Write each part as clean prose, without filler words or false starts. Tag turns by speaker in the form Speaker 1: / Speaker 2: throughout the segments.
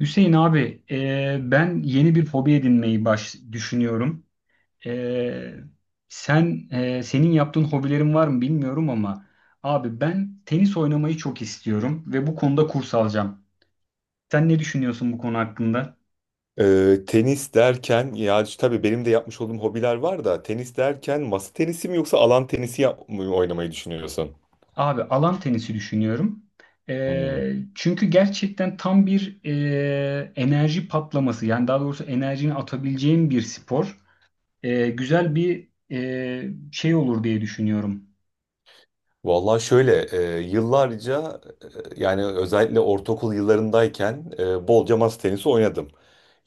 Speaker 1: Hüseyin abi, ben yeni bir hobi edinmeyi düşünüyorum. E, senin yaptığın hobilerin var mı bilmiyorum ama abi ben tenis oynamayı çok istiyorum ve bu konuda kurs alacağım. Sen ne düşünüyorsun bu konu hakkında?
Speaker 2: Tenis derken ya tabii benim de yapmış olduğum hobiler var da tenis derken masa tenisi mi yoksa alan tenisi yap mı oynamayı düşünüyorsun?
Speaker 1: Abi alan tenisi düşünüyorum.
Speaker 2: Hmm.
Speaker 1: Çünkü gerçekten tam bir enerji patlaması, yani daha doğrusu enerjini atabileceğim bir spor. Güzel bir şey olur diye düşünüyorum.
Speaker 2: Vallahi şöyle, yıllarca, yani özellikle ortaokul yıllarındayken bolca masa tenisi oynadım.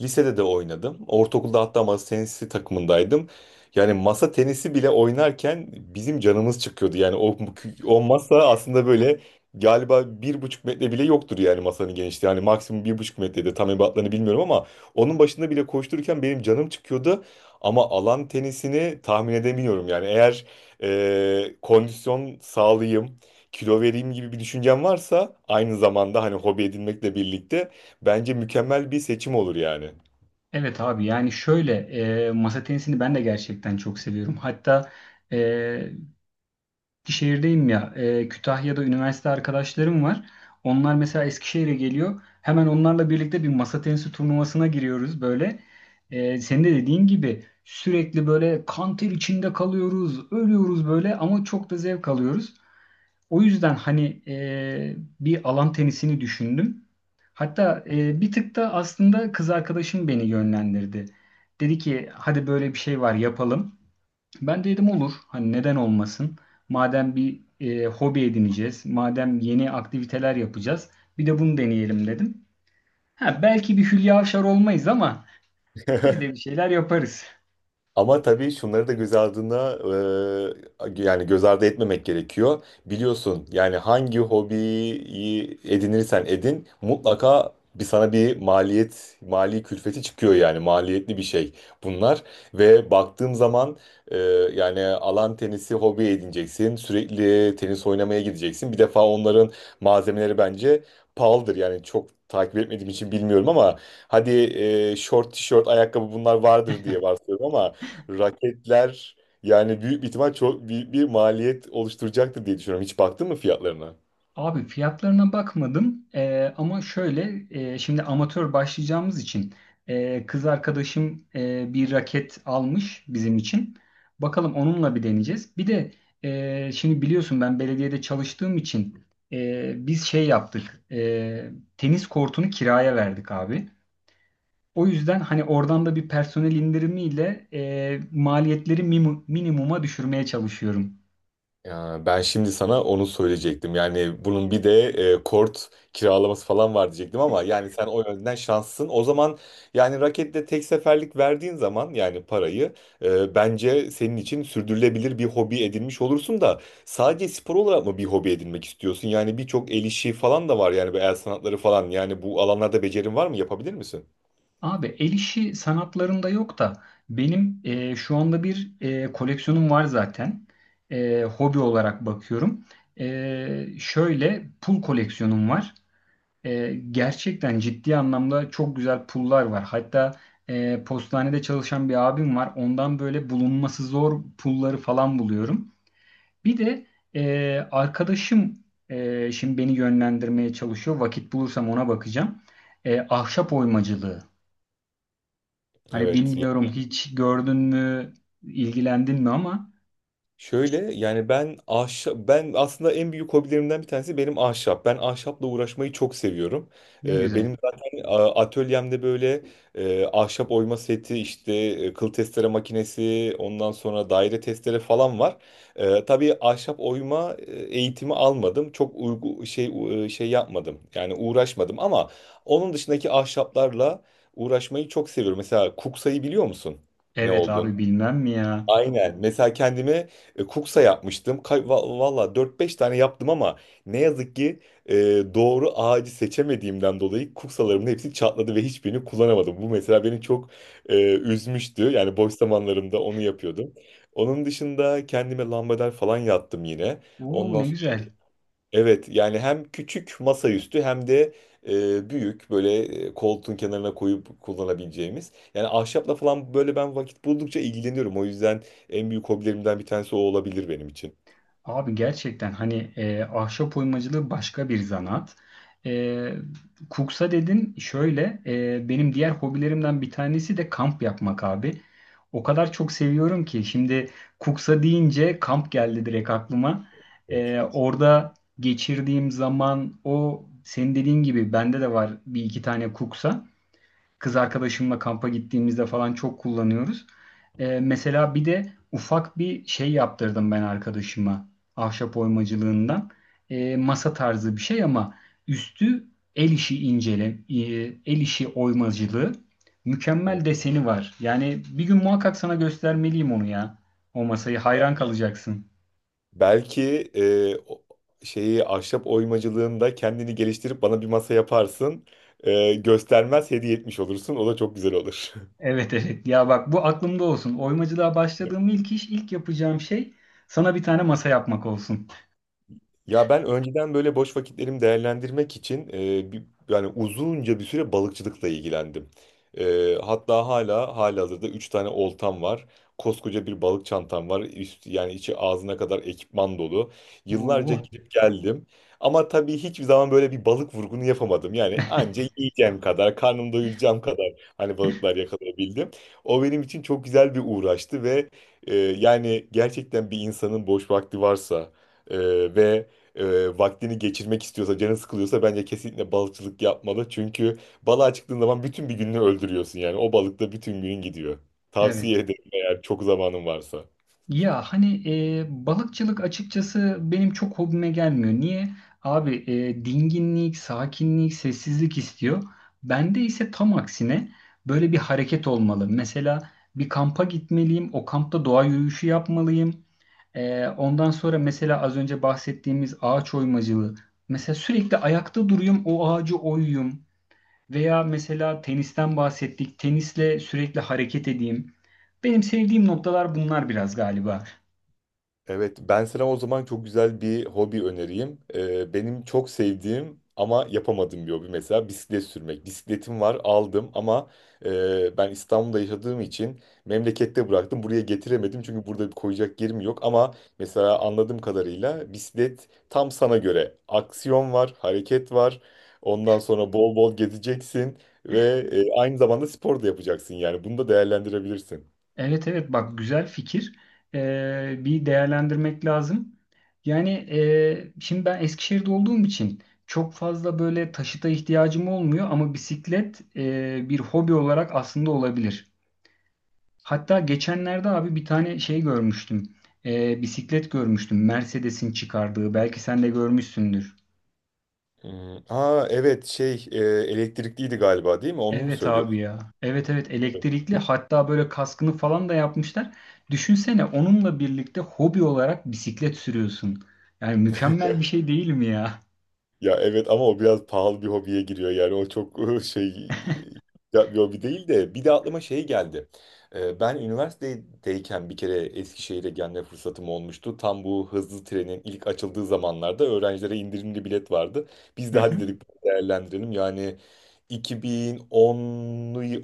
Speaker 2: Lisede de oynadım. Ortaokulda hatta masa tenisi takımındaydım. Yani masa tenisi bile oynarken bizim canımız çıkıyordu. Yani o masa aslında böyle galiba bir buçuk metre bile yoktur yani masanın genişliği. Yani maksimum bir buçuk metrede tam ebatlarını bilmiyorum ama onun başında bile koştururken benim canım çıkıyordu. Ama alan tenisini tahmin edemiyorum yani eğer kondisyon sağlayayım, kilo vereyim gibi bir düşüncen varsa, aynı zamanda hani hobi edinmekle birlikte bence mükemmel bir seçim olur yani.
Speaker 1: Evet abi, yani şöyle, masa tenisini ben de gerçekten çok seviyorum. Hatta e, Eskişehir'deyim ya, Kütahya'da üniversite arkadaşlarım var. Onlar mesela Eskişehir'e geliyor. Hemen onlarla birlikte bir masa tenisi turnuvasına giriyoruz böyle. Senin de dediğin gibi sürekli böyle kan ter içinde kalıyoruz, ölüyoruz böyle ama çok da zevk alıyoruz. O yüzden hani bir alan tenisini düşündüm. Hatta bir tık da aslında kız arkadaşım beni yönlendirdi. Dedi ki hadi böyle bir şey var, yapalım. Ben de dedim olur. Hani neden olmasın? Madem bir hobi edineceğiz, madem yeni aktiviteler yapacağız, bir de bunu deneyelim dedim. Ha, belki bir Hülya Avşar olmayız ama biz de bir şeyler yaparız.
Speaker 2: Ama tabii şunları da göz ardına, yani göz ardı etmemek gerekiyor. Biliyorsun yani hangi hobiyi edinirsen edin mutlaka bir sana bir maliyet, mali külfeti çıkıyor yani maliyetli bir şey bunlar. Ve baktığım zaman, e, yani alan tenisi hobi edineceksin. Sürekli tenis oynamaya gideceksin. Bir defa onların malzemeleri bence pahalıdır yani çok takip etmediğim için bilmiyorum ama hadi, short tişört ayakkabı bunlar vardır diye varsayıyorum ama raketler yani büyük bir ihtimal çok büyük bir maliyet oluşturacaktır diye düşünüyorum. Hiç baktın mı fiyatlarına?
Speaker 1: Abi fiyatlarına bakmadım. Ama şöyle, şimdi amatör başlayacağımız için kız arkadaşım bir raket almış bizim için. Bakalım onunla bir deneyeceğiz. Bir de şimdi biliyorsun ben belediyede çalıştığım için biz şey yaptık, tenis kortunu kiraya verdik abi. O yüzden hani oradan da bir personel indirimiyle maliyetleri minimuma düşürmeye çalışıyorum.
Speaker 2: Ya ben şimdi sana onu söyleyecektim. Yani bunun bir de kort kiralaması falan var diyecektim ama yani sen o yönden şanslısın. O zaman yani raketle tek seferlik verdiğin zaman yani parayı, bence senin için sürdürülebilir bir hobi edinmiş olursun da sadece spor olarak mı bir hobi edinmek istiyorsun? Yani birçok el işi falan da var yani bu el sanatları falan. Yani bu alanlarda becerin var mı? Yapabilir misin?
Speaker 1: Abi el işi sanatlarında yok da benim şu anda bir koleksiyonum var zaten. Hobi olarak bakıyorum. Şöyle, pul koleksiyonum var. Gerçekten ciddi anlamda çok güzel pullar var. Hatta postanede çalışan bir abim var. Ondan böyle bulunması zor pulları falan buluyorum. Bir de arkadaşım şimdi beni yönlendirmeye çalışıyor. Vakit bulursam ona bakacağım. Ahşap oymacılığı. Hani
Speaker 2: Evet.
Speaker 1: bilmiyorum, hiç gördün mü, ilgilendin mi ama
Speaker 2: Şöyle yani ben aslında en büyük hobilerimden bir tanesi benim ahşap. Ben ahşapla uğraşmayı çok seviyorum.
Speaker 1: ne güzel.
Speaker 2: Benim zaten atölyemde böyle ahşap oyma seti işte kıl testere makinesi ondan sonra daire testere falan var. Tabii ahşap oyma eğitimi almadım. Çok uygu şey u- e, Şey yapmadım. Yani uğraşmadım ama onun dışındaki ahşaplarla uğraşmayı çok seviyorum. Mesela kuksayı biliyor musun? Ne
Speaker 1: Evet
Speaker 2: olduğunu?
Speaker 1: abi, bilmem mi ya?
Speaker 2: Aynen. Mesela kendime kuksa yapmıştım. Valla 4-5 tane yaptım ama ne yazık ki e, doğru ağacı seçemediğimden dolayı kuksalarımın hepsi çatladı ve hiçbirini kullanamadım. Bu mesela beni çok üzmüştü. Yani boş zamanlarımda onu yapıyordum. Onun dışında kendime lambader falan yattım yine.
Speaker 1: Oo,
Speaker 2: Ondan
Speaker 1: ne güzel.
Speaker 2: Evet yani hem küçük masaüstü hem de büyük böyle, koltuğun kenarına koyup kullanabileceğimiz. Yani ahşapla falan böyle ben vakit buldukça ilgileniyorum. O yüzden en büyük hobilerimden bir tanesi o olabilir benim için.
Speaker 1: Abi gerçekten hani ahşap oymacılığı başka bir zanat. E, Kuksa dedin, şöyle, benim diğer hobilerimden bir tanesi de kamp yapmak abi. O kadar çok seviyorum ki şimdi kuksa deyince kamp geldi direkt aklıma. Orada geçirdiğim zaman, o senin dediğin gibi bende de var bir iki tane kuksa. Kız arkadaşımla kampa gittiğimizde falan çok kullanıyoruz. Mesela bir de ufak bir şey yaptırdım ben arkadaşıma, ahşap oymacılığından. Masa tarzı bir şey ama üstü el işi el işi oymacılığı. Mükemmel deseni var. Yani bir gün muhakkak sana göstermeliyim onu ya. O masayı, hayran
Speaker 2: Evet.
Speaker 1: kalacaksın.
Speaker 2: Belki şeyi ahşap oymacılığında kendini geliştirip bana bir masa yaparsın. Göstermez hediye etmiş olursun. O da çok güzel olur.
Speaker 1: Evet evet. Ya bak, bu aklımda olsun. Oymacılığa başladığım ilk iş, ilk yapacağım şey sana bir tane masa yapmak olsun.
Speaker 2: Ya ben önceden böyle boş vakitlerimi değerlendirmek için yani uzunca bir süre balıkçılıkla ilgilendim. Hatta hala halihazırda 3 tane oltam var. Koskoca bir balık çantam var. Yani içi ağzına kadar ekipman dolu. Yıllarca
Speaker 1: Oo,
Speaker 2: gidip geldim. Ama tabii hiçbir zaman böyle bir balık vurgunu yapamadım. Yani anca yiyeceğim kadar, karnımı doyuracağım kadar hani balıklar yakalayabildim. O benim için çok güzel bir uğraştı ve yani gerçekten bir insanın boş vakti varsa... Ee, ve vaktini geçirmek istiyorsa, canı sıkılıyorsa bence kesinlikle balıkçılık yapmalı. Çünkü balığa çıktığın zaman bütün bir gününü öldürüyorsun yani. O balıkta bütün günün gidiyor.
Speaker 1: evet.
Speaker 2: Tavsiye ederim eğer çok zamanın varsa.
Speaker 1: Ya hani balıkçılık açıkçası benim çok hobime gelmiyor. Niye? Abi, dinginlik, sakinlik, sessizlik istiyor. Bende ise tam aksine böyle bir hareket olmalı. Mesela bir kampa gitmeliyim, o kampta doğa yürüyüşü yapmalıyım. Ondan sonra mesela az önce bahsettiğimiz ağaç oymacılığı. Mesela sürekli ayakta duruyum, o ağacı oyuyum. Veya mesela tenisten bahsettik, tenisle sürekli hareket edeyim. Benim sevdiğim noktalar bunlar biraz galiba.
Speaker 2: Evet, ben sana o zaman çok güzel bir hobi önereyim. Benim çok sevdiğim ama yapamadığım bir hobi mesela bisiklet sürmek. Bisikletim var, aldım ama ben İstanbul'da yaşadığım için memlekette bıraktım. Buraya getiremedim çünkü burada bir koyacak yerim yok. Ama mesela anladığım kadarıyla bisiklet tam sana göre. Aksiyon var, hareket var. Ondan sonra bol bol gezeceksin ve aynı zamanda spor da yapacaksın yani. Bunu da değerlendirebilirsin.
Speaker 1: Evet evet, bak güzel fikir. Bir değerlendirmek lazım. Yani şimdi ben Eskişehir'de olduğum için çok fazla böyle taşıta ihtiyacım olmuyor ama bisiklet bir hobi olarak aslında olabilir. Hatta geçenlerde abi bir tane şey görmüştüm. Bisiklet görmüştüm. Mercedes'in çıkardığı. Belki sen de görmüşsündür.
Speaker 2: Hmm. Aa evet şey, elektrikliydi galiba değil mi? Onu mu
Speaker 1: Evet abi
Speaker 2: söylüyorsun?
Speaker 1: ya. Evet evet, elektrikli, hatta böyle kaskını falan da yapmışlar. Düşünsene, onunla birlikte hobi olarak bisiklet sürüyorsun. Yani mükemmel bir şey değil mi ya?
Speaker 2: Ya evet ama o biraz pahalı bir hobiye giriyor yani o çok şey, ya bir hobi değil de bir de aklıma şey geldi. Ben üniversitedeyken bir kere Eskişehir'e gelme fırsatım olmuştu. Tam bu hızlı trenin ilk açıldığı zamanlarda öğrencilere indirimli bilet vardı. Biz de hadi dedik değerlendirelim yani 2010,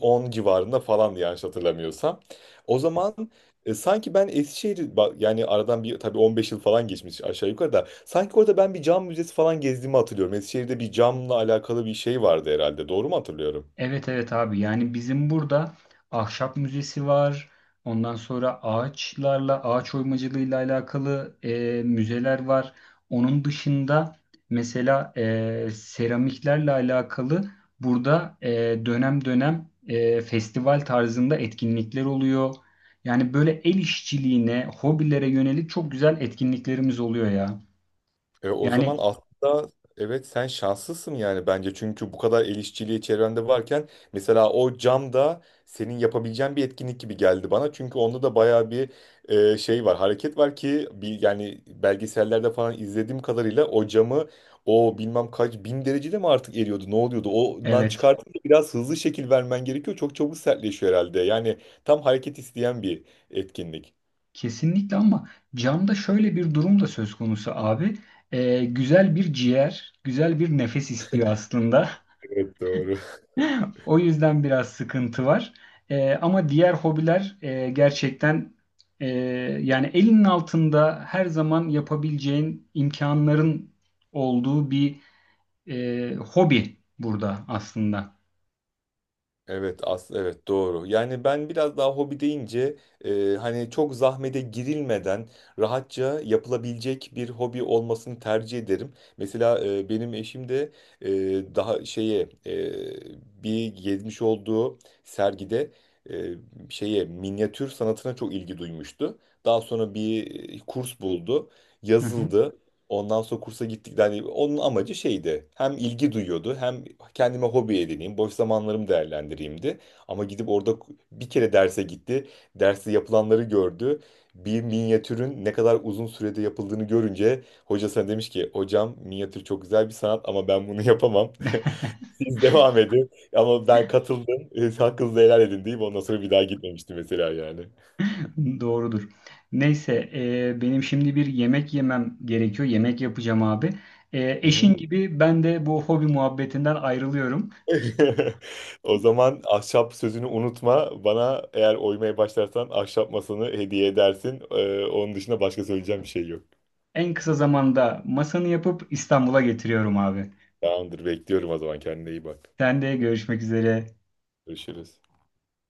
Speaker 2: 10 civarında falandı yanlış hatırlamıyorsam. O zaman sanki ben yani aradan bir tabii 15 yıl falan geçmiş aşağı yukarı da sanki orada ben bir cam müzesi falan gezdiğimi hatırlıyorum. Eskişehir'de bir camla alakalı bir şey vardı herhalde. Doğru mu hatırlıyorum?
Speaker 1: Evet evet abi, yani bizim burada ahşap müzesi var. Ondan sonra ağaçlarla, ağaç oymacılığıyla alakalı müzeler var. Onun dışında mesela seramiklerle alakalı burada dönem dönem festival tarzında etkinlikler oluyor. Yani böyle el işçiliğine, hobilere yönelik çok güzel etkinliklerimiz oluyor ya.
Speaker 2: O zaman
Speaker 1: Yani
Speaker 2: aslında evet sen şanslısın yani bence. Çünkü bu kadar el işçiliği çevrende varken mesela o cam da senin yapabileceğin bir etkinlik gibi geldi bana. Çünkü onda da bayağı bir hareket var ki bir, yani belgesellerde falan izlediğim kadarıyla o camı o bilmem kaç bin derecede mi artık eriyordu ne oluyordu? Ondan
Speaker 1: evet.
Speaker 2: çıkartınca biraz hızlı şekil vermen gerekiyor. Çok çabuk sertleşiyor herhalde. Yani tam hareket isteyen bir etkinlik.
Speaker 1: Kesinlikle ama camda şöyle bir durum da söz konusu abi. Güzel bir ciğer, güzel bir nefes istiyor aslında.
Speaker 2: Evet doğru.
Speaker 1: O yüzden biraz sıkıntı var. Ama diğer hobiler, gerçekten e, yani elinin altında her zaman yapabileceğin imkanların olduğu bir hobi burada aslında.
Speaker 2: Evet doğru. Yani ben biraz daha hobi deyince, hani çok zahmete girilmeden rahatça yapılabilecek bir hobi olmasını tercih ederim. Mesela, benim eşim de e, daha şeye e, bir gezmiş olduğu sergide, e, şeye minyatür sanatına çok ilgi duymuştu. Daha sonra bir kurs buldu,
Speaker 1: Hı hı.
Speaker 2: yazıldı. Ondan sonra kursa gittik. Yani onun amacı şeydi. Hem ilgi duyuyordu hem kendime hobi edineyim, boş zamanlarımı değerlendireyimdi. Ama gidip orada bir kere derse gitti. Derste yapılanları gördü. Bir minyatürün ne kadar uzun sürede yapıldığını görünce hocasına demiş ki hocam minyatür çok güzel bir sanat ama ben bunu yapamam. Siz devam edin. Ama ben katıldım. Hakkınızı helal edin deyip ondan sonra bir daha gitmemiştim mesela yani.
Speaker 1: Doğrudur. Neyse, benim şimdi bir yemek yemem gerekiyor. Yemek yapacağım abi.
Speaker 2: Hı hı.
Speaker 1: Eşin gibi ben de bu hobi muhabbetinden ayrılıyorum.
Speaker 2: O zaman ahşap sözünü unutma. Bana eğer oymaya başlarsan ahşap masanı hediye edersin. Onun dışında başka söyleyeceğim bir şey yok.
Speaker 1: En kısa zamanda masanı yapıp İstanbul'a getiriyorum abi.
Speaker 2: Tamamdır, bekliyorum o zaman. Kendine iyi bak.
Speaker 1: Sen de görüşmek üzere.
Speaker 2: Görüşürüz.